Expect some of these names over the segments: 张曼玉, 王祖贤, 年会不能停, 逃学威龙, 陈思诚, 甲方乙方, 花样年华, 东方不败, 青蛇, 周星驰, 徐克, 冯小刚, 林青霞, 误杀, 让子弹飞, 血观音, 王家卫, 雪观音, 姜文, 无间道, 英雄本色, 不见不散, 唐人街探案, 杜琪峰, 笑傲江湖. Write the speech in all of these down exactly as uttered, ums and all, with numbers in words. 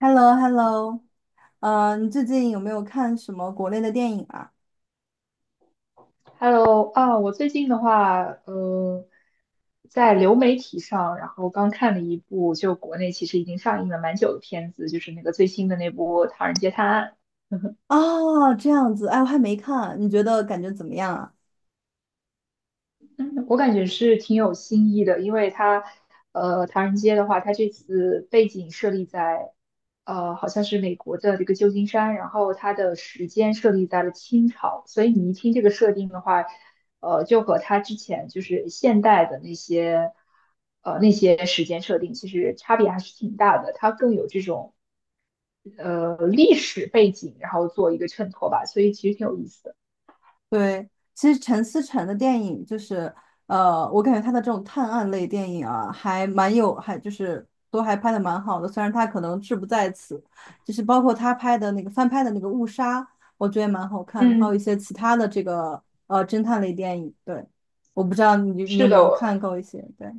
h e l l o h e l l o。 呃，你最近有没有看什么国内的电影啊？Hello 啊，我最近的话，呃，在流媒体上，然后刚看了一部，就国内其实已经上映了蛮久的片子，就是那个最新的那部《唐人街探案》。哦，这样子，哎，我还没看，你觉得感觉怎么样啊？嗯，我感觉是挺有新意的，因为它，呃，唐人街的话，它这次背景设立在，呃，好像是美国的这个旧金山，然后它的时间设立在了清朝，所以你一听这个设定的话，呃，就和它之前就是现代的那些，呃，那些时间设定其实差别还是挺大的，它更有这种呃历史背景，然后做一个衬托吧，所以其实挺有意思的。对，其实陈思诚的电影就是，呃，我感觉他的这种探案类电影啊，还蛮有，还就是都还拍的蛮好的，虽然他可能志不在此，就是包括他拍的那个翻拍的那个《误杀》，我觉得也蛮好看的，还有一嗯，些其他的这个呃侦探类电影，对，我不知道你你有是没的，有看过一些，对，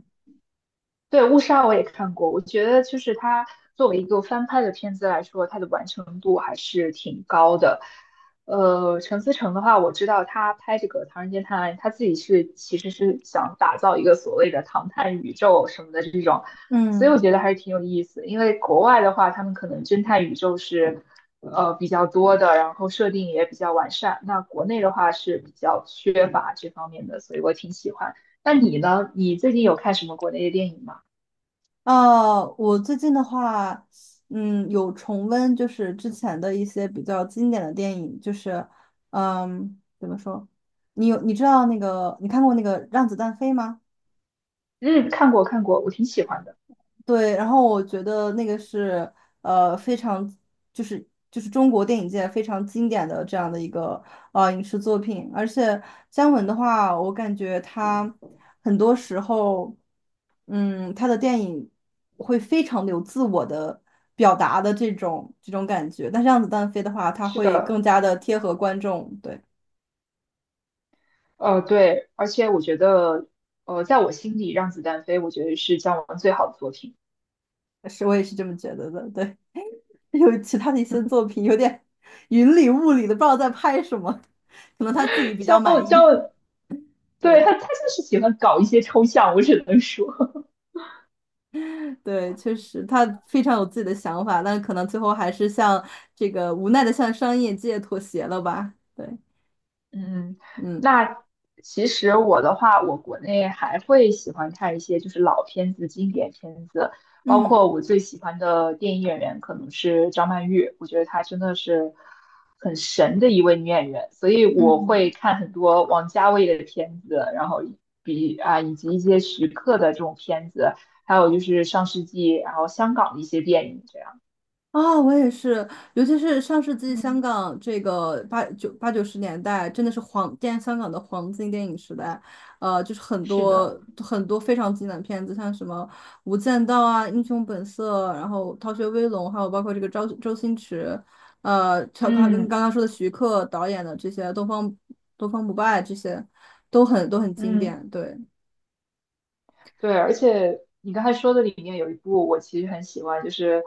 对，《误杀》我也看过，我觉得就是它作为一个翻拍的片子来说，它的完成度还是挺高的。呃，陈思诚的话，我知道他拍这个《唐人街探案》，他自己是其实是想打造一个所谓的“唐探宇宙”什么的这种，所以我嗯。觉得还是挺有意思。因为国外的话，他们可能侦探宇宙是呃比较多的，然后设定也比较完善。那国内的话是比较缺乏这方面的，所以我挺喜欢。那你呢？你最近有看什么国内的电影吗？呃，我最近的话，嗯，有重温就是之前的一些比较经典的电影，就是，嗯，怎么说？你有你知道那个你看过那个《让子弹飞》吗？嗯，看过看过，我挺喜欢的。对，然后我觉得那个是呃非常就是就是中国电影界非常经典的这样的一个呃影视作品，而且姜文的话，我感觉他很多时候，嗯，他的电影会非常有自我的表达的这种这种感觉，但是《让子弹飞》的话，他是会更的，加的贴合观众，对，呃，对，而且我觉得，呃，在我心里，《让子弹飞》我觉得是姜文最好的作品。是我也是这么觉得的，对。有其他的一些作品有点云里雾里的，不知道在拍什么，可能他自己比较姜文，满姜意。文，对，对他他就是喜欢搞一些抽象，我只能说。对，确实他非常有自己的想法，但可能最后还是向这个无奈的向商业界妥协了吧？对，嗯，嗯那其实我的话，我国内还会喜欢看一些就是老片子、经典片子，包嗯括我最喜欢的电影演员可能是张曼玉，我觉得她真的是很神的一位女演员，所以我会嗯。看很多王家卫的片子，然后比啊以及一些徐克的这种片子，还有就是上世纪然后香港的一些电影这样。啊，我也是，尤其是上世纪香嗯，港这个八九八九十年代，真的是黄电香港的黄金电影时代，呃，就是很是多的。很多非常经典的片子，像什么《无间道》啊，《英雄本色》，然后《逃学威龙》，还有包括这个周周星驰，呃，他刚跟嗯刚刚说的徐克导演的这些《东方东方不败》这些，都很都很经嗯。典，对，对，而且你刚才说的里面有一部我其实很喜欢，就是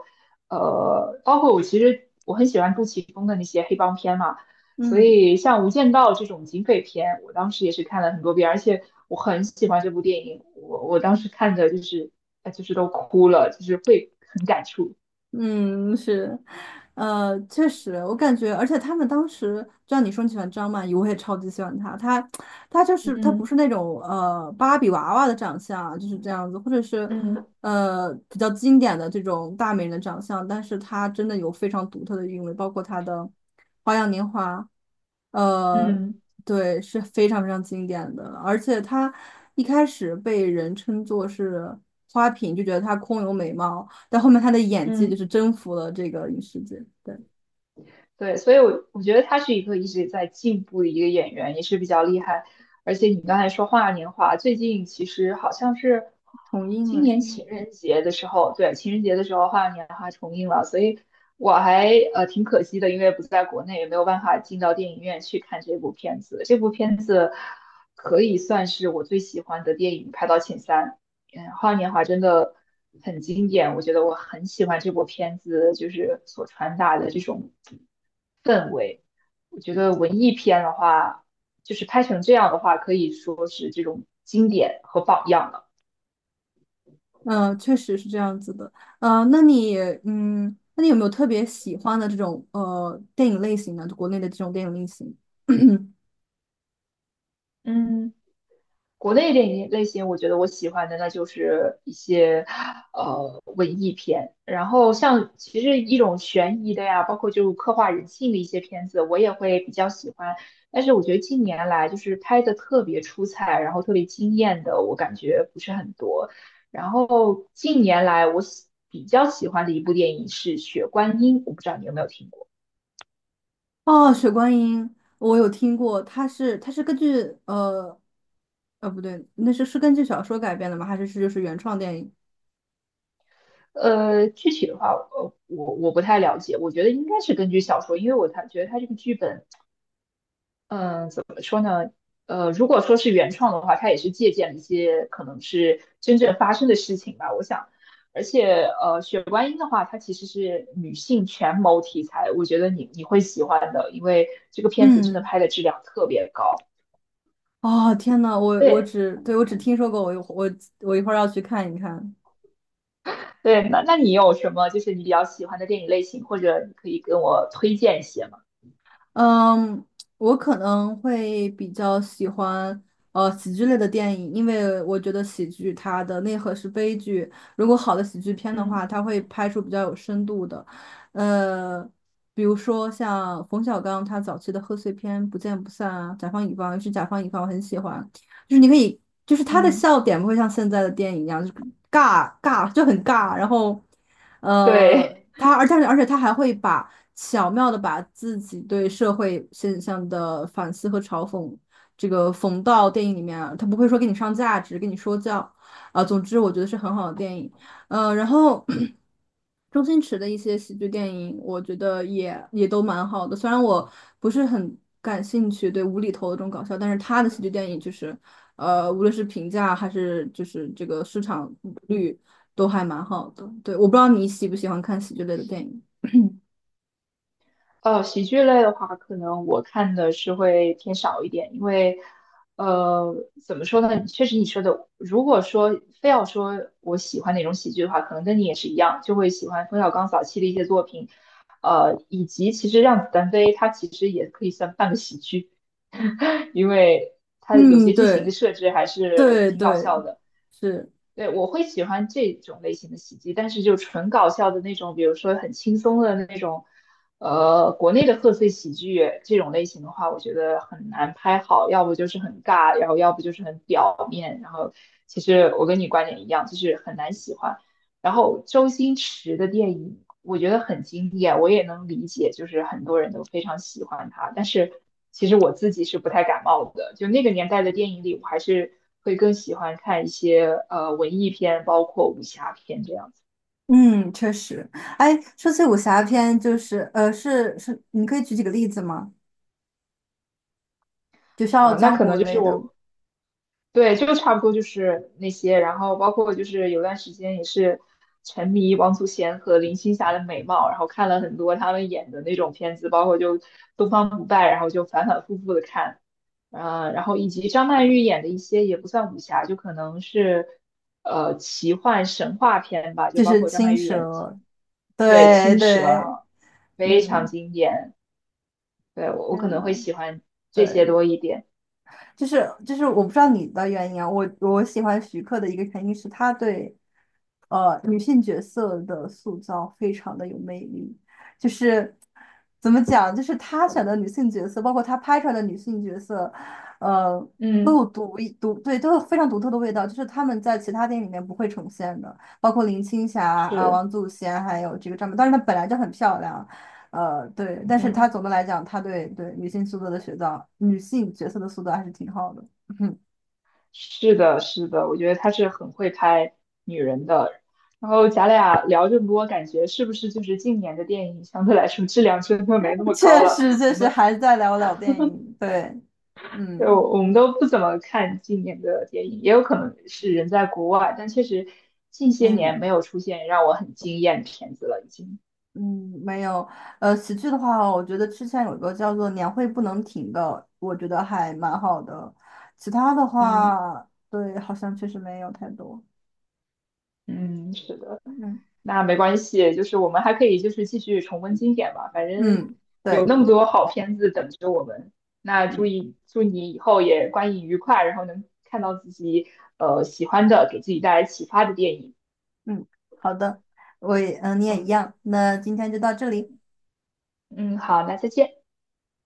呃，包括我其实我很喜欢杜琪峰的那些黑帮片嘛，所嗯。以像《无间道》这种警匪片，我当时也是看了很多遍，而且我很喜欢这部电影，我我当时看着就是呃就是都哭了，就是会很感触。嗯，是，呃，确实，我感觉，而且他们当时，就像你说你喜欢张曼玉，我也超级喜欢她。她，她就是她不嗯是那种呃芭比娃娃的长相，就是这样子，或者是嗯呃比较经典的这种大美人的长相，但是她真的有非常独特的韵味，包括她的《花样年华》，呃，嗯对，是非常非常经典的。而且她一开始被人称作是花瓶，就觉得她空有美貌。但后面他的演技就嗯。是征服了这个影视界，对，对，所以我我觉得他是一个一直在进步的一个演员，也是比较厉害。而且你刚才说花样年华，最近其实好像是重映今了年是吗？情人节的时候，对，情人节的时候花样年华重映了，所以我还呃挺可惜的，因为不在国内，也没有办法进到电影院去看这部片子。这部片子可以算是我最喜欢的电影，排到前三。嗯，花样年华真的很经典，我觉得我很喜欢这部片子，就是所传达的这种。我觉得文艺片的话，就是拍成这样的话，可以说是这种经典和榜样了。嗯，确实是这样子的。呃，那你，嗯，那你有没有特别喜欢的这种呃电影类型呢？就国内的这种电影类型？嗯。国内电影类型，我觉得我喜欢的那就是一些呃文艺片，然后像其实一种悬疑的呀，包括就刻画人性的一些片子，我也会比较喜欢。但是我觉得近年来就是拍的特别出彩，然后特别惊艳的，我感觉不是很多。然后近年来我喜比较喜欢的一部电影是《血观音》，我不知道你有没有听过。哦，《雪观音》我有听过，它是它是根据呃呃不对，那是是根据小说改编的吗？还是是就是原创电影？呃，具体的话，呃，我我不太了解，我觉得应该是根据小说，因为我他觉得他这个剧本。嗯，怎么说呢？呃，如果说是原创的话，它也是借鉴了一些可能是真正发生的事情吧，我想。而且，呃，《血观音》的话，它其实是女性权谋题材，我觉得你你会喜欢的，因为这个片子真的嗯，拍的质量特别高。哦天呐，我我对只对我只听说过，我一我我一会儿要去看一看。对，那那你有什么就是你比较喜欢的电影类型，或者你可以跟我推荐一些吗？嗯，我可能会比较喜欢呃喜剧类的电影，因为我觉得喜剧它的内核是悲剧。如果好的喜剧片的嗯话，它会拍出比较有深度的，呃，比如说像冯小刚他早期的贺岁片《不见不散》啊，《甲方乙方》，尤其是《甲方乙方》，我很喜欢，就是你可以，就是他的嗯，笑点不会像现在的电影一样，就是尬尬就很尬，然后对。呃，他而且而且他还会把。巧妙的把自己对社会现象的反思和嘲讽，这个缝到电影里面啊，他不会说给你上价值，跟你说教，啊、总之我觉得是很好的电影，呃，然后 周星驰的一些喜剧电影，我觉得也也都蛮好的，虽然我不是很感兴趣对无厘头的这种搞笑，但是他的喜剧电影就是，呃，无论是评价还是就是这个市场率都还蛮好的，对，我不知道你喜不喜欢看喜剧类的电影。呃，喜剧类的话，可能我看的是会偏少一点，因为，呃，怎么说呢？确实你说的，如果说非要说我喜欢哪种喜剧的话，可能跟你也是一样，就会喜欢冯小刚早期的一些作品，呃，以及其实《让子弹飞》它其实也可以算半个喜剧，因为它有嗯，些剧情的对，设置还是对挺搞对，笑的。是，对，我会喜欢这种类型的喜剧，但是就纯搞笑的那种，比如说很轻松的那种，呃，国内的贺岁喜剧这种类型的话，我觉得很难拍好，要不就是很尬，然后要不就是很表面，然后其实我跟你观点一样，就是很难喜欢。然后周星驰的电影，我觉得很经典，我也能理解，就是很多人都非常喜欢他。但是其实我自己是不太感冒的，就那个年代的电影里，我还是会更喜欢看一些呃文艺片，包括武侠片这样子。嗯，确实。哎，说起武侠片，就是呃，是是，你可以举几个例子吗？就《笑傲啊、那江可湖》能就是类的，我对，就差不多就是那些，然后包括就是有段时间也是沉迷王祖贤和林青霞的美貌，然后看了很多他们演的那种片子，包括就《东方不败》，然后就反反复复的看，呃，然后以及张曼玉演的一些也不算武侠，就可能是呃奇幻神话片吧，就就包是括张青曼玉演的蛇。青，对，对青蛇啊，然后对，非常嗯，经典，对，我我可天能会呐，喜欢这些对。多一点，就是就是我不知道你的原因啊，我我喜欢徐克的一个原因是他对呃女性角色的塑造非常的有魅力，就是怎么讲，就是他选的女性角色，包括他拍出来的女性角色，呃，都嗯，有独一独对都有非常独特的味道，就是他们在其他电影里面不会呈现的，包括林青霞啊、是，王祖贤还有这个张曼，当然她本来就很漂亮。呃，对，但是他嗯。总的来讲，他对对女性塑造的塑造，女性角色的塑造还是挺好的。嗯，是的，是的，我觉得他是很会拍女人的。然后咱俩聊这么多，感觉是不是就是近年的电影相对来说质量真的没那么高确了？实，确我实们还在聊老电影。对，呃嗯我们都不怎么看近年的电影，嗯也有可能是人在国外，但确实近些年嗯没有出现让我很惊艳的片子了，已经。嗯，没有。呃，喜剧的话，我觉得之前有一个叫做《年会不能停》的，我觉得还蛮好的。其他的嗯，话，对，好像确实没有太多。嗯，是的。嗯那没关系，就是我们还可以就是继续重温经典吧，反正嗯，有对，那么多好片子等着我们。那祝嗯你祝你以后也观影愉快，然后能看到自己呃喜欢的，给自己带来启发的电影。嗯，好的，我也嗯，你也一嗯样。那今天就到这里。嗯，好，那再见。